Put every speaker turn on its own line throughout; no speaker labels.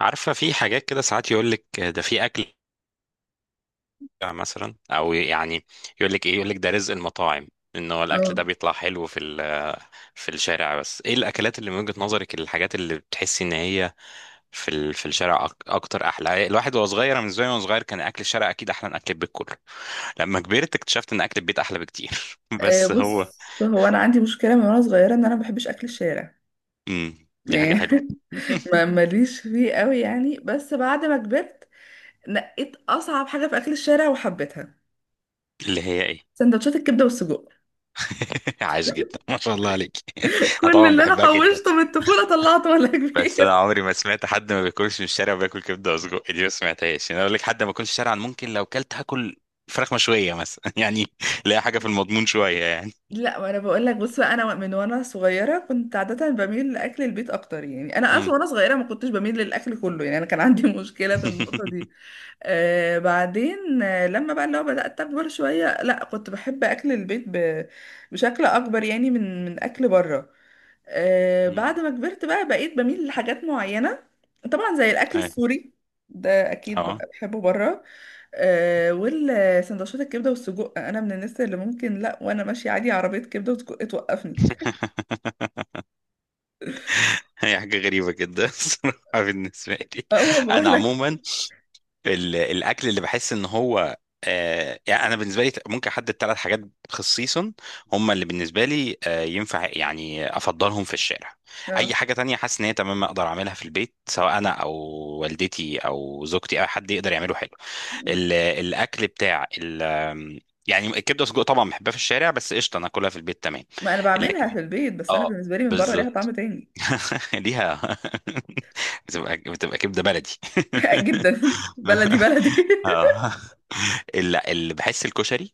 عارفة؟ في حاجات كده ساعات يقول لك ده في أكل مثلا، أو يعني يقول لك إيه، يقول لك ده رزق المطاعم، إن هو الأكل
اه
ده بيطلع حلو في الشارع. بس إيه الأكلات اللي من وجهة نظرك الحاجات اللي بتحسي إن هي في الشارع أكتر أحلى؟ الواحد وهو صغير، أنا بالنسبة لي وأنا صغير كان أكل الشارع أكيد أحلى من أكل البيت كله. لما كبرت اكتشفت إن أكل البيت أحلى بكتير
آه،
بس هو
بص. انا عندي مشكله من وانا صغيره ان انا ما بحبش اكل الشارع
دي حاجة
يعني.
حلوة.
ما ماليش فيه قوي يعني، بس بعد ما كبرت نقيت اصعب حاجه في اكل الشارع وحبيتها:
اللي هي إيه؟
سندوتشات الكبده والسجق.
عاش جدا، ما شاء الله عليك أنا
كل
طبعا
اللي انا
بحبها جدا.
حوشته من الطفوله طلعته ولا
بس انا
كبير.
عمري ما سمعت حد ما بياكلش من الشارع وبياكل كبده وسجق، دي ما سمعتهاش. يعني اقول لك حد ما بياكلش شارعا ممكن لو كلت هاكل فراخ مشويه مثلا يعني لا، حاجه في المضمون شويه يعني.
لا، ما انا بقول لك، بص بقى، انا من وانا صغيره كنت عاده بميل لاكل البيت اكتر، يعني انا
مم.
اصلا وانا صغيره ما كنتش بميل للاكل كله، يعني انا كان عندي مشكله في النقطه دي. آه، بعدين آه لما بقى لو بدأت أكبر شوية، لا كنت بحب أكل البيت بشكل أكبر، يعني من أكل بره. آه،
مم.
بعد ما كبرت بقى بقيت بميل لحاجات معينة، طبعا زي الأكل
اي،
السوري. ده أكيد
اه
بقى بحبه بره. آه، والسندوتشات الكبدة والسجق، أنا من الناس اللي ممكن لا وأنا ماشية عادي، عربية كبدة وسجق توقفني.
هي حاجه غريبه جدا الصراحه بالنسبه لي.
أه، ما
انا
بقول لك.
عموما الاكل اللي بحس ان هو يعني انا بالنسبه لي ممكن احدد ثلاث حاجات خصيصا هم اللي بالنسبه لي ينفع يعني افضلهم في الشارع. اي
أه،
حاجه تانية حاسس ان هي تمام اقدر اعملها في البيت، سواء انا او والدتي او زوجتي او حد يقدر يعمله حلو. الاكل بتاع ال يعني الكبده والسجق طبعا بحبها في الشارع، بس قشطه انا اكلها في البيت تمام.
ما أنا
لكن
بعملها في البيت، بس أنا
اه
بالنسبة لي من بره ليها طعم
بالظبط
تاني.
ليها بتبقى كبده بلدي
جدا بلدي بلدي.
اه لا، اللي بحس الكشري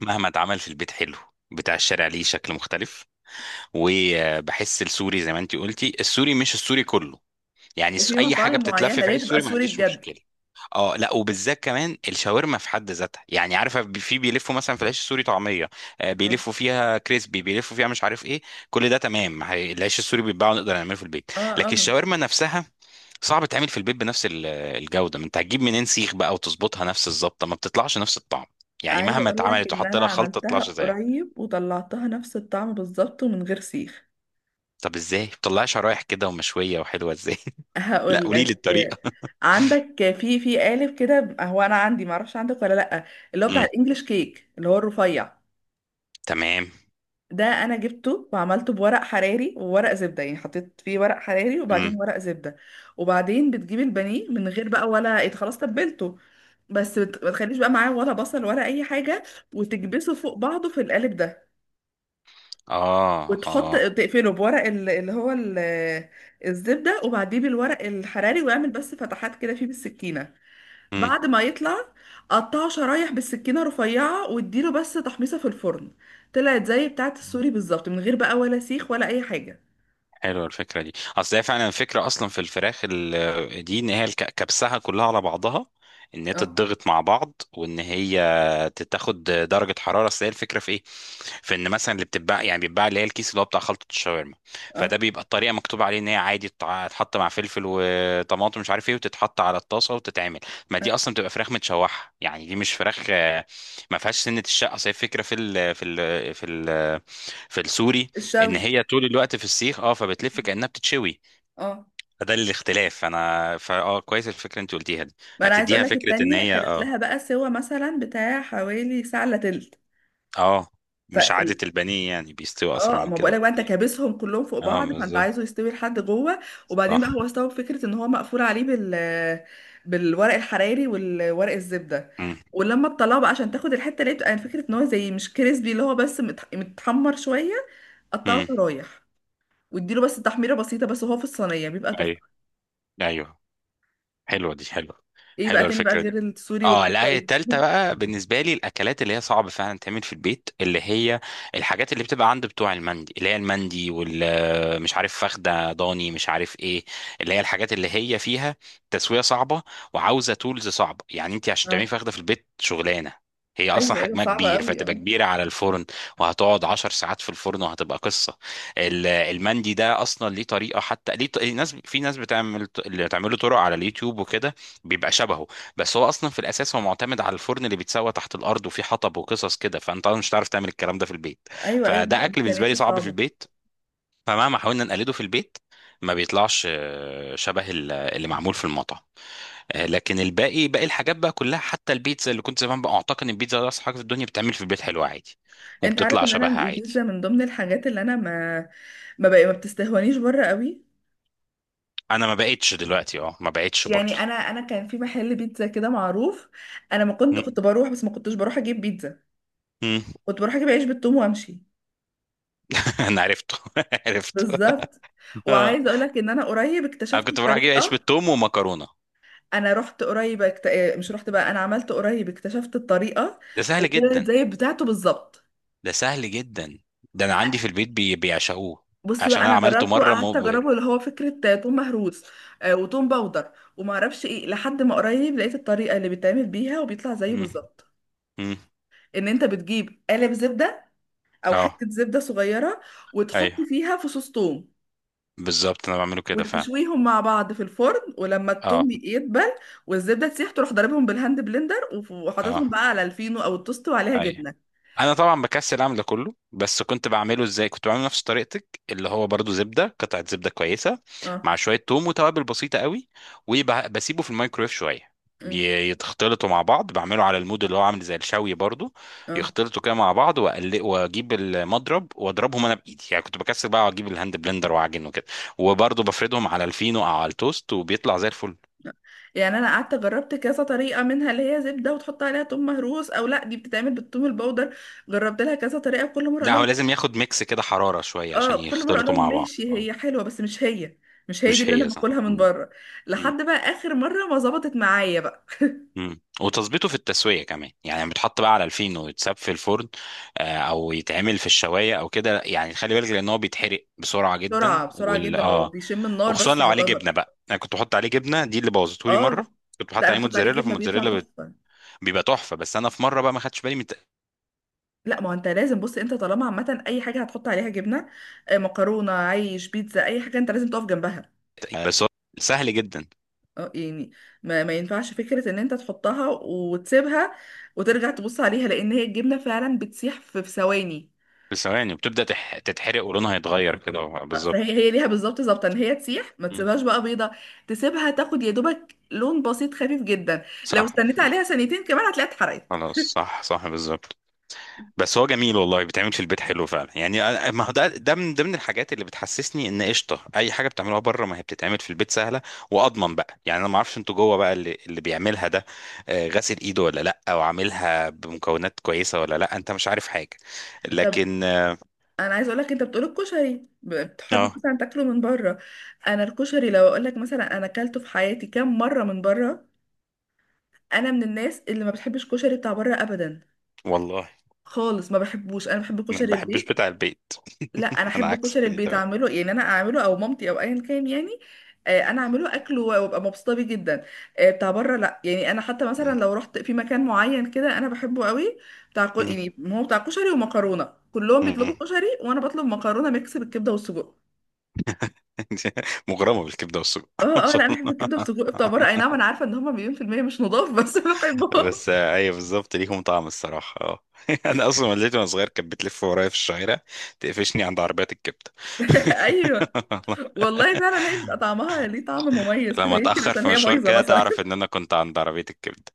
مهما اتعمل في البيت حلو، بتاع الشارع ليه شكل مختلف. وبحس السوري زي ما انتي قلتي، السوري مش السوري كله. يعني
في
اي حاجه
مطاعم
بتتلف
معينة
في
ليه
عيش
تبقى
سوري ما
سوري
عنديش
بجد.
مشكله. اه لا، وبالذات كمان الشاورما في حد ذاتها. يعني عارفه في بيلفوا مثلا في العيش السوري طعميه،
اه
بيلفوا فيها كريسبي، بيلفوا فيها مش عارف ايه. كل ده تمام. العيش السوري بيتباع ونقدر نعمله في البيت. لكن
اه.
الشاورما نفسها صعب تعمل في البيت بنفس الجودة. ما انت هتجيب منين سيخ بقى وتظبطها نفس الظبطة؟ ما بتطلعش نفس الطعم، يعني
عايزة
مهما
اقول لك
اتعملت
ان
وحط
انا
لها خلطة ما
عملتها
تطلعش زيها.
قريب وطلعتها نفس الطعم بالظبط ومن غير سيخ.
طب ازاي بتطلعها شرايح كده ومشوية وحلوة ازاي؟ لا،
هقول
قولي لي
لك،
الطريقة.
عندك في قالب كده. هو انا عندي، معرفش عندك ولا لا، اللي هو بتاع
امم
الانجليش كيك، اللي هو الرفيع.
تمام.
ده انا جبته وعملته بورق حراري وورق زبده، يعني حطيت فيه ورق حراري وبعدين
امم
ورق زبده. وبعدين بتجيب البانيه من غير بقى ولا إيه، خلاص تبلته، بس ما تخليش بقى معاه ولا بصل ولا اي حاجه، وتكبسه فوق بعضه في القالب ده.
اه
وتحط،
اه.
تقفله بورق اللي هو الزبده، وبعديه بالورق الحراري، واعمل بس فتحات كده فيه بالسكينه.
امم
بعد ما يطلع، قطعه شرايح بالسكينة رفيعة واديله بس تحميصة في الفرن. طلعت زي بتاعة السوري بالظبط من غير بقى ولا سيخ ولا أي حاجة.
حلوة الفكرة دي، اصل هي فعلا الفكرة اصلا في الفراخ دي ان هي كبسها كلها على بعضها، ان هي
اه
تتضغط مع بعض، وان هي تاخد درجة حرارة. اصل هي الفكرة في ايه؟ في ان مثلا اللي بتتباع يعني بيتباع اللي هي الكيس اللي هو بتاع خلطة الشاورما.
اه.
فده بيبقى الطريقة مكتوب عليه ان هي عادي تتحط مع فلفل وطماطم مش عارف ايه، وتتحط على الطاسة وتتعمل. ما
آه.
دي اصلا بتبقى فراخ متشوحة، يعني دي مش فراخ ما فيهاش سنة الشقة. اصل هي الفكرة في السوري ان
الشوي.
هي طول الوقت في السيخ، اه، فبتلف كانها بتتشوي.
اه،
فده الاختلاف. انا فاه كويس الفكره اللي انت قلتيها دي.
ما انا عايز اقول
هتديها
لك،
فكره ان
التانية
هي
خدت
اه.
لها بقى سوا مثلا بتاع حوالي ساعة الا تلت.
اه. مش عاده
فال-
البانيه يعني بيستوي اسرع
اه،
من
ما
كده
بقولك بقى، انت
بكتير.
كابسهم كلهم فوق
اه
بعض، فانت
بالظبط.
عايزه يستوي لحد جوه. وبعدين بقى
صح.
هو استوى بفكره ان هو مقفول عليه بالورق الحراري والورق الزبده.
امم
ولما تطلعه بقى عشان تاخد الحته اللي هي بتبقى، يعني فكره ان هو زي مش كريسبي، اللي هو بس متحمر شويه، قطعه
امم
شرايح واديله بس تحميره بسيطه بس، وهو في الصينيه بيبقى
ايوه.
تحفه.
ايوه. حلوه، دي حلوه.
ايه بقى
حلوه
تاني بقى
الفكره دي.
غير السوري
اه لا، هي
والكشري؟
التالتة بقى بالنسبة لي الأكلات اللي هي صعب فعلا تعمل في البيت، اللي هي الحاجات اللي بتبقى عند بتوع المندي، اللي هي المندي وال مش عارف فخدة ضاني مش عارف ايه، اللي هي الحاجات اللي هي فيها تسوية صعبة وعاوزة تولز صعبة. يعني انت عشان
اه،
تعملي فخدة في البيت شغلانة، هي اصلا
ايوه ايوه
حجمها
صعبه
كبير
قوي
فتبقى
اه.
كبيره على الفرن، وهتقعد 10 ساعات في الفرن وهتبقى قصه. المندي ده اصلا ليه طريقه، حتى ليه ناس في ناس بتعمل اللي بتعمله طرق على اليوتيوب وكده، بيبقى شبهه. بس هو اصلا في الاساس هو معتمد على الفرن اللي بيتسوى تحت الارض وفيه حطب وقصص كده، فانت أصلاً مش هتعرف تعمل الكلام ده في البيت.
ايوه ايوه،
فده
بيبقى
اكل بالنسبه لي
امكانياته
صعب في
صعبه.
البيت، فمهما حاولنا نقلده في البيت ما بيطلعش شبه اللي معمول في المطعم. لكن الباقي باقي الحاجات بقى كلها، حتى البيتزا اللي كنت زمان بقى اعتقد ان البيتزا ده اصعب حاجه في الدنيا، بتعمل في البيت حلوه عادي
انت عارف
وبتطلع
ان انا
شبهها
البيتزا
عادي.
من ضمن الحاجات اللي انا ما بتستهونيش بره قوي.
انا ما بقتش دلوقتي، اه، ما بقتش
يعني
برضه.
انا كان في محل بيتزا كده معروف، انا ما كنت
مم.
كنت بروح، بس ما كنتش بروح اجيب بيتزا،
مم.
كنت بروح اجيب عيش بالثوم وامشي.
انا عرفته عرفته.
بالظبط.
آه.
وعايزه اقول لك ان انا قريب
انا
اكتشفت
كنت بروح اجيب عيش
الطريقه.
بالثوم ومكرونه.
انا رحت قريب اكت... اه، مش رحت بقى، انا عملت قريب اكتشفت الطريقه،
ده سهل
وطلعت
جدا.
زي بتاعته بالظبط.
ده سهل جدا. ده انا عندي في البيت بيعشقوه،
بص
عشان
بقى،
انا
انا
عملته
جربته
مره
قعدت
مبهر.
اجربه، اللي هو فكره توم مهروس، آه، وتوم باودر، وما اعرفش ايه، لحد ما قريب لقيت الطريقه اللي بيتعمل بيها وبيطلع زيه
امم
بالظبط.
امم
ان انت بتجيب قالب زبده، او
اه.
حته زبده صغيره، وتحط
ايوه
فيها فصوص توم،
بالظبط، انا بعمله كده فعلا.
وتشويهم مع بعض في الفرن، ولما التوم
اه.
يدبل والزبده تسيح، تروح ضاربهم بالهاند بلندر
اه.
وحاططهم بقى على الفينو او التوست وعليها
ايوه.
جبنه.
انا طبعا بكسل اعمل ده كله، بس كنت بعمله ازاي؟ كنت بعمله نفس طريقتك، اللي هو برضو زبده، قطعه زبده كويسه
اه
مع شويه توم وتوابل بسيطه قوي، وبسيبه في الميكرويف شويه
أمم،
يتخلطوا مع بعض، بعمله على المود اللي هو عامل زي الشوي، برضو
اه.
يختلطوا كده مع بعض، واقلق واجيب المضرب واضربهم انا بايدي. يعني كنت بكسل بقى واجيب الهاند بلندر واعجن وكده، وبرضو بفردهم على الفينو او على التوست، وبيطلع زي الفل.
يعني انا قعدت جربت كذا طريقه، منها اللي هي زبده وتحط عليها توم مهروس، او لا دي بتتعمل بالثوم البودر. جربت لها كذا طريقه وكل مره اقول
لا هو
لهم.
لازم ياخد ميكس كده، حراره شويه عشان
اه، كل مره اقول
يختلطوا
لهم
مع بعض
ماشي
آه.
هي حلوه، بس مش هي، مش هي دي
مش
اللي انا
هي، صح.
باكلها من بره.
مم.
لحد بقى اخر مره ما ظبطت معايا بقى.
مم. وتظبيطه في التسوية كمان، يعني بيتحط بقى على الفين ويتساب في الفرن، او يتعمل في الشواية او كده. يعني خلي بالك، لان هو بيتحرق بسرعة جدا،
بسرعه، بسرعه
وال
جدا، هو
اه
بيشم النار
وخصوصا
بس
لو عليه جبنة
يعتبر.
بقى. انا كنت بحط عليه جبنة، دي اللي بوظته لي
اه،
مرة. كنت
لا
بحط
انا
عليه
بحط عليه
موتزاريلا،
جبنه بيطلع
فالموتزاريلا
تحفه.
بيبقى تحفة. بس انا في مرة بقى ما خدتش بالي من
لا، ما هو انت لازم، بص، انت طالما عامه اي حاجه هتحط عليها جبنه، آه، مكرونه، عيش، بيتزا، اي حاجه، انت لازم تقف جنبها.
بس هو سهل جدا.
اه يعني، ما, ما ينفعش فكرة ان انت تحطها وتسيبها وترجع تبص عليها، لان هي الجبنة فعلا بتسيح في ثواني.
في ثواني وبتبدأ تتحرق ولونها يتغير كده،
اه، فهي
بالظبط.
هي ليها بالظبط ظابطة ان هي تسيح، ما
مم.
تسيبهاش بقى بيضة، تسيبها تاخد يا دوبك لون بسيط خفيف جدا. لو
صح.
استنيت عليها ثانيتين كمان هتلاقيها اتحرقت.
خلاص، صح صح، بالظبط. بس هو جميل والله، بيتعمل في البيت حلو فعلا. يعني ما هو ده، ده من ضمن الحاجات اللي بتحسسني ان قشطه اي حاجه بتعملوها بره ما هي بتتعمل في البيت سهله، واضمن بقى. يعني انا ما اعرفش انتوا جوه بقى اللي بيعملها ده غاسل ايده ولا لا، او عاملها بمكونات كويسه ولا لا، انت مش عارف حاجه.
طب
لكن اه
انا عايز اقول لك، انت بتقول الكشري بتحب
آه،
مثلا تاكله من بره. انا الكشري لو اقول لك مثلا انا اكلته في حياتي كام مرة من بره. انا من الناس اللي ما بتحبش كشري بتاع بره ابدا
والله،
خالص، ما بحبوش. انا بحب
انا ما
كشري
بحبش
البيت.
بتاع البيت
لا انا
انا
احب
عكسك
كشري
في دي
البيت
تمام.
اعمله، يعني انا اعمله او مامتي او ايا كان يعني. آه، انا اعمله اكله وابقى مبسوطه بيه جدا. آه، بتاع بره لا. يعني انا حتى مثلا لو رحت في مكان معين كده انا بحبه قوي، بتاع
مم.
يعني هو بتاع كشري ومكرونه، كلهم
مم.
بيطلبوا كشري وانا بطلب مكرونه ميكس بالكبده والسجق.
مغرمه بالكبده والسجق
اه
ما
اه،
شاء
لا انا بحب الكبده والسجق بتاع بره. اي نعم،
الله.
انا عارفه ان هم مليون في الميه مش نضاف، بس بحبهم.
بس ايوه بالظبط، ليهم طعم الصراحه، اه. انا اصلا والدتي وانا صغير كانت بتلف ورايا في الشوارع تقفشني عند عربيات الكبده
ايوه،
والله.
والله فعلا هي بيبقى طعمها ليه طعم مميز
لما
كده، يمكن
اتاخر في
عشان هي
مشوار
بايظه
كده
مثلا.
تعرف ان انا كنت عند عربيه الكبده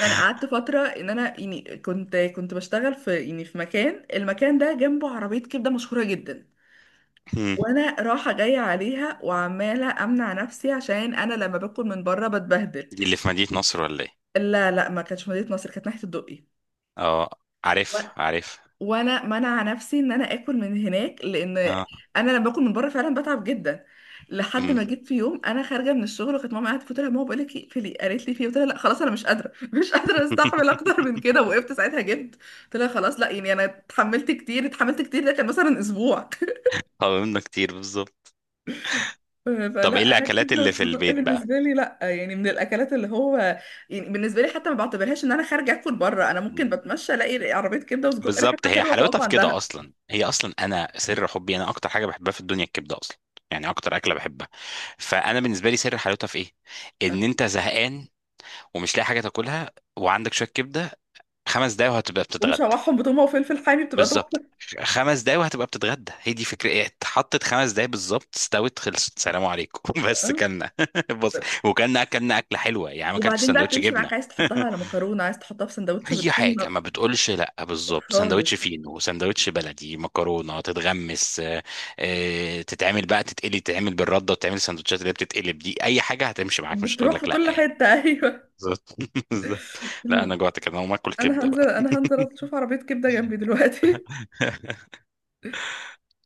انا قعدت فتره ان انا يعني كنت بشتغل في، يعني في مكان، المكان ده جنبه عربيه كبده مشهوره جدا.
مم.
وانا رايحه جايه عليها وعماله امنع نفسي، عشان انا لما باكل من بره بتبهدل.
دي اللي في مدينه نصر ولا ايه؟
لا لا، ما كانتش مدينه نصر، كانت ناحيه الدقي.
اه، عارف عارف.
وانا منع نفسي ان انا اكل من هناك، لان
اه.
انا لما باكل من بره فعلا بتعب جدا. لحد
مم.
ما جيت في يوم انا خارجه من الشغل وكانت ماما قاعده، قلت لها ماما بقول لك اقفلي، قالت لي في إيه؟ قلت لها لا خلاص انا مش قادره، مش قادره استحمل اكتر من كده، وقفت ساعتها جبت. قلت لها خلاص لا، يعني انا اتحملت كتير اتحملت كتير، ده كان مثلا اسبوع.
قاومنا كتير، بالظبط. طب ايه
فلا انا
الاكلات
الكبده
اللي في
والسجق
البيت
بالنسبه لي، لا يعني من الاكلات اللي هو، يعني بالنسبه لي حتى ما بعتبرهاش ان انا خارجه اكل بره. انا
بقى؟
ممكن بتمشى الاقي عربيه كبده وسجق
بالظبط،
ريحتها
هي
حلوه
حلاوتها
فاقف
في كده
عندها،
اصلا. هي اصلا انا سر حبي، انا اكتر حاجه بحبها في الدنيا الكبده اصلا، يعني اكتر اكله بحبها. فانا بالنسبه لي سر حلاوتها في ايه؟ ان انت زهقان ومش لاقي حاجه تاكلها وعندك شويه كبده، 5 دقايق وهتبقى بتتغدى.
ومشوحهم بتومه وفلفل حامي بتبقى تحفه.
بالظبط، 5 دقايق وهتبقى بتتغدى. هي دي فكره ايه، اتحطت 5 دقايق بالظبط، استوت، خلصت، سلام عليكم بس
اه،
كلنا بص، وكلنا اكلنا اكله حلوه. يعني ما اكلتش
وبعدين بقى
سندوتش
بتمشي
جبنه
معاك، عايز تحطها على مكرونه، عايز تحطها في سندوتش
اي حاجه
بطحينه،
ما بتقولش لا، بالظبط. سندوتش
خالص
فينو، سندوتش بلدي، مكرونه تتغمس، تتعمل بقى، تتقلي، تتعمل بالرده، وتتعمل السندوتشات اللي هي بتتقلب دي. اي حاجه هتمشي معاك، مش هتقول
بتروح في
لك لا
كل
يعني.
حته. ايوه،
بالظبط بالظبط. لا، انا جوعت كده، انا هقوم اكل
انا
كبده
هنزل،
بقى
انا هنزل اشوف عربيه كبده جنبي دلوقتي.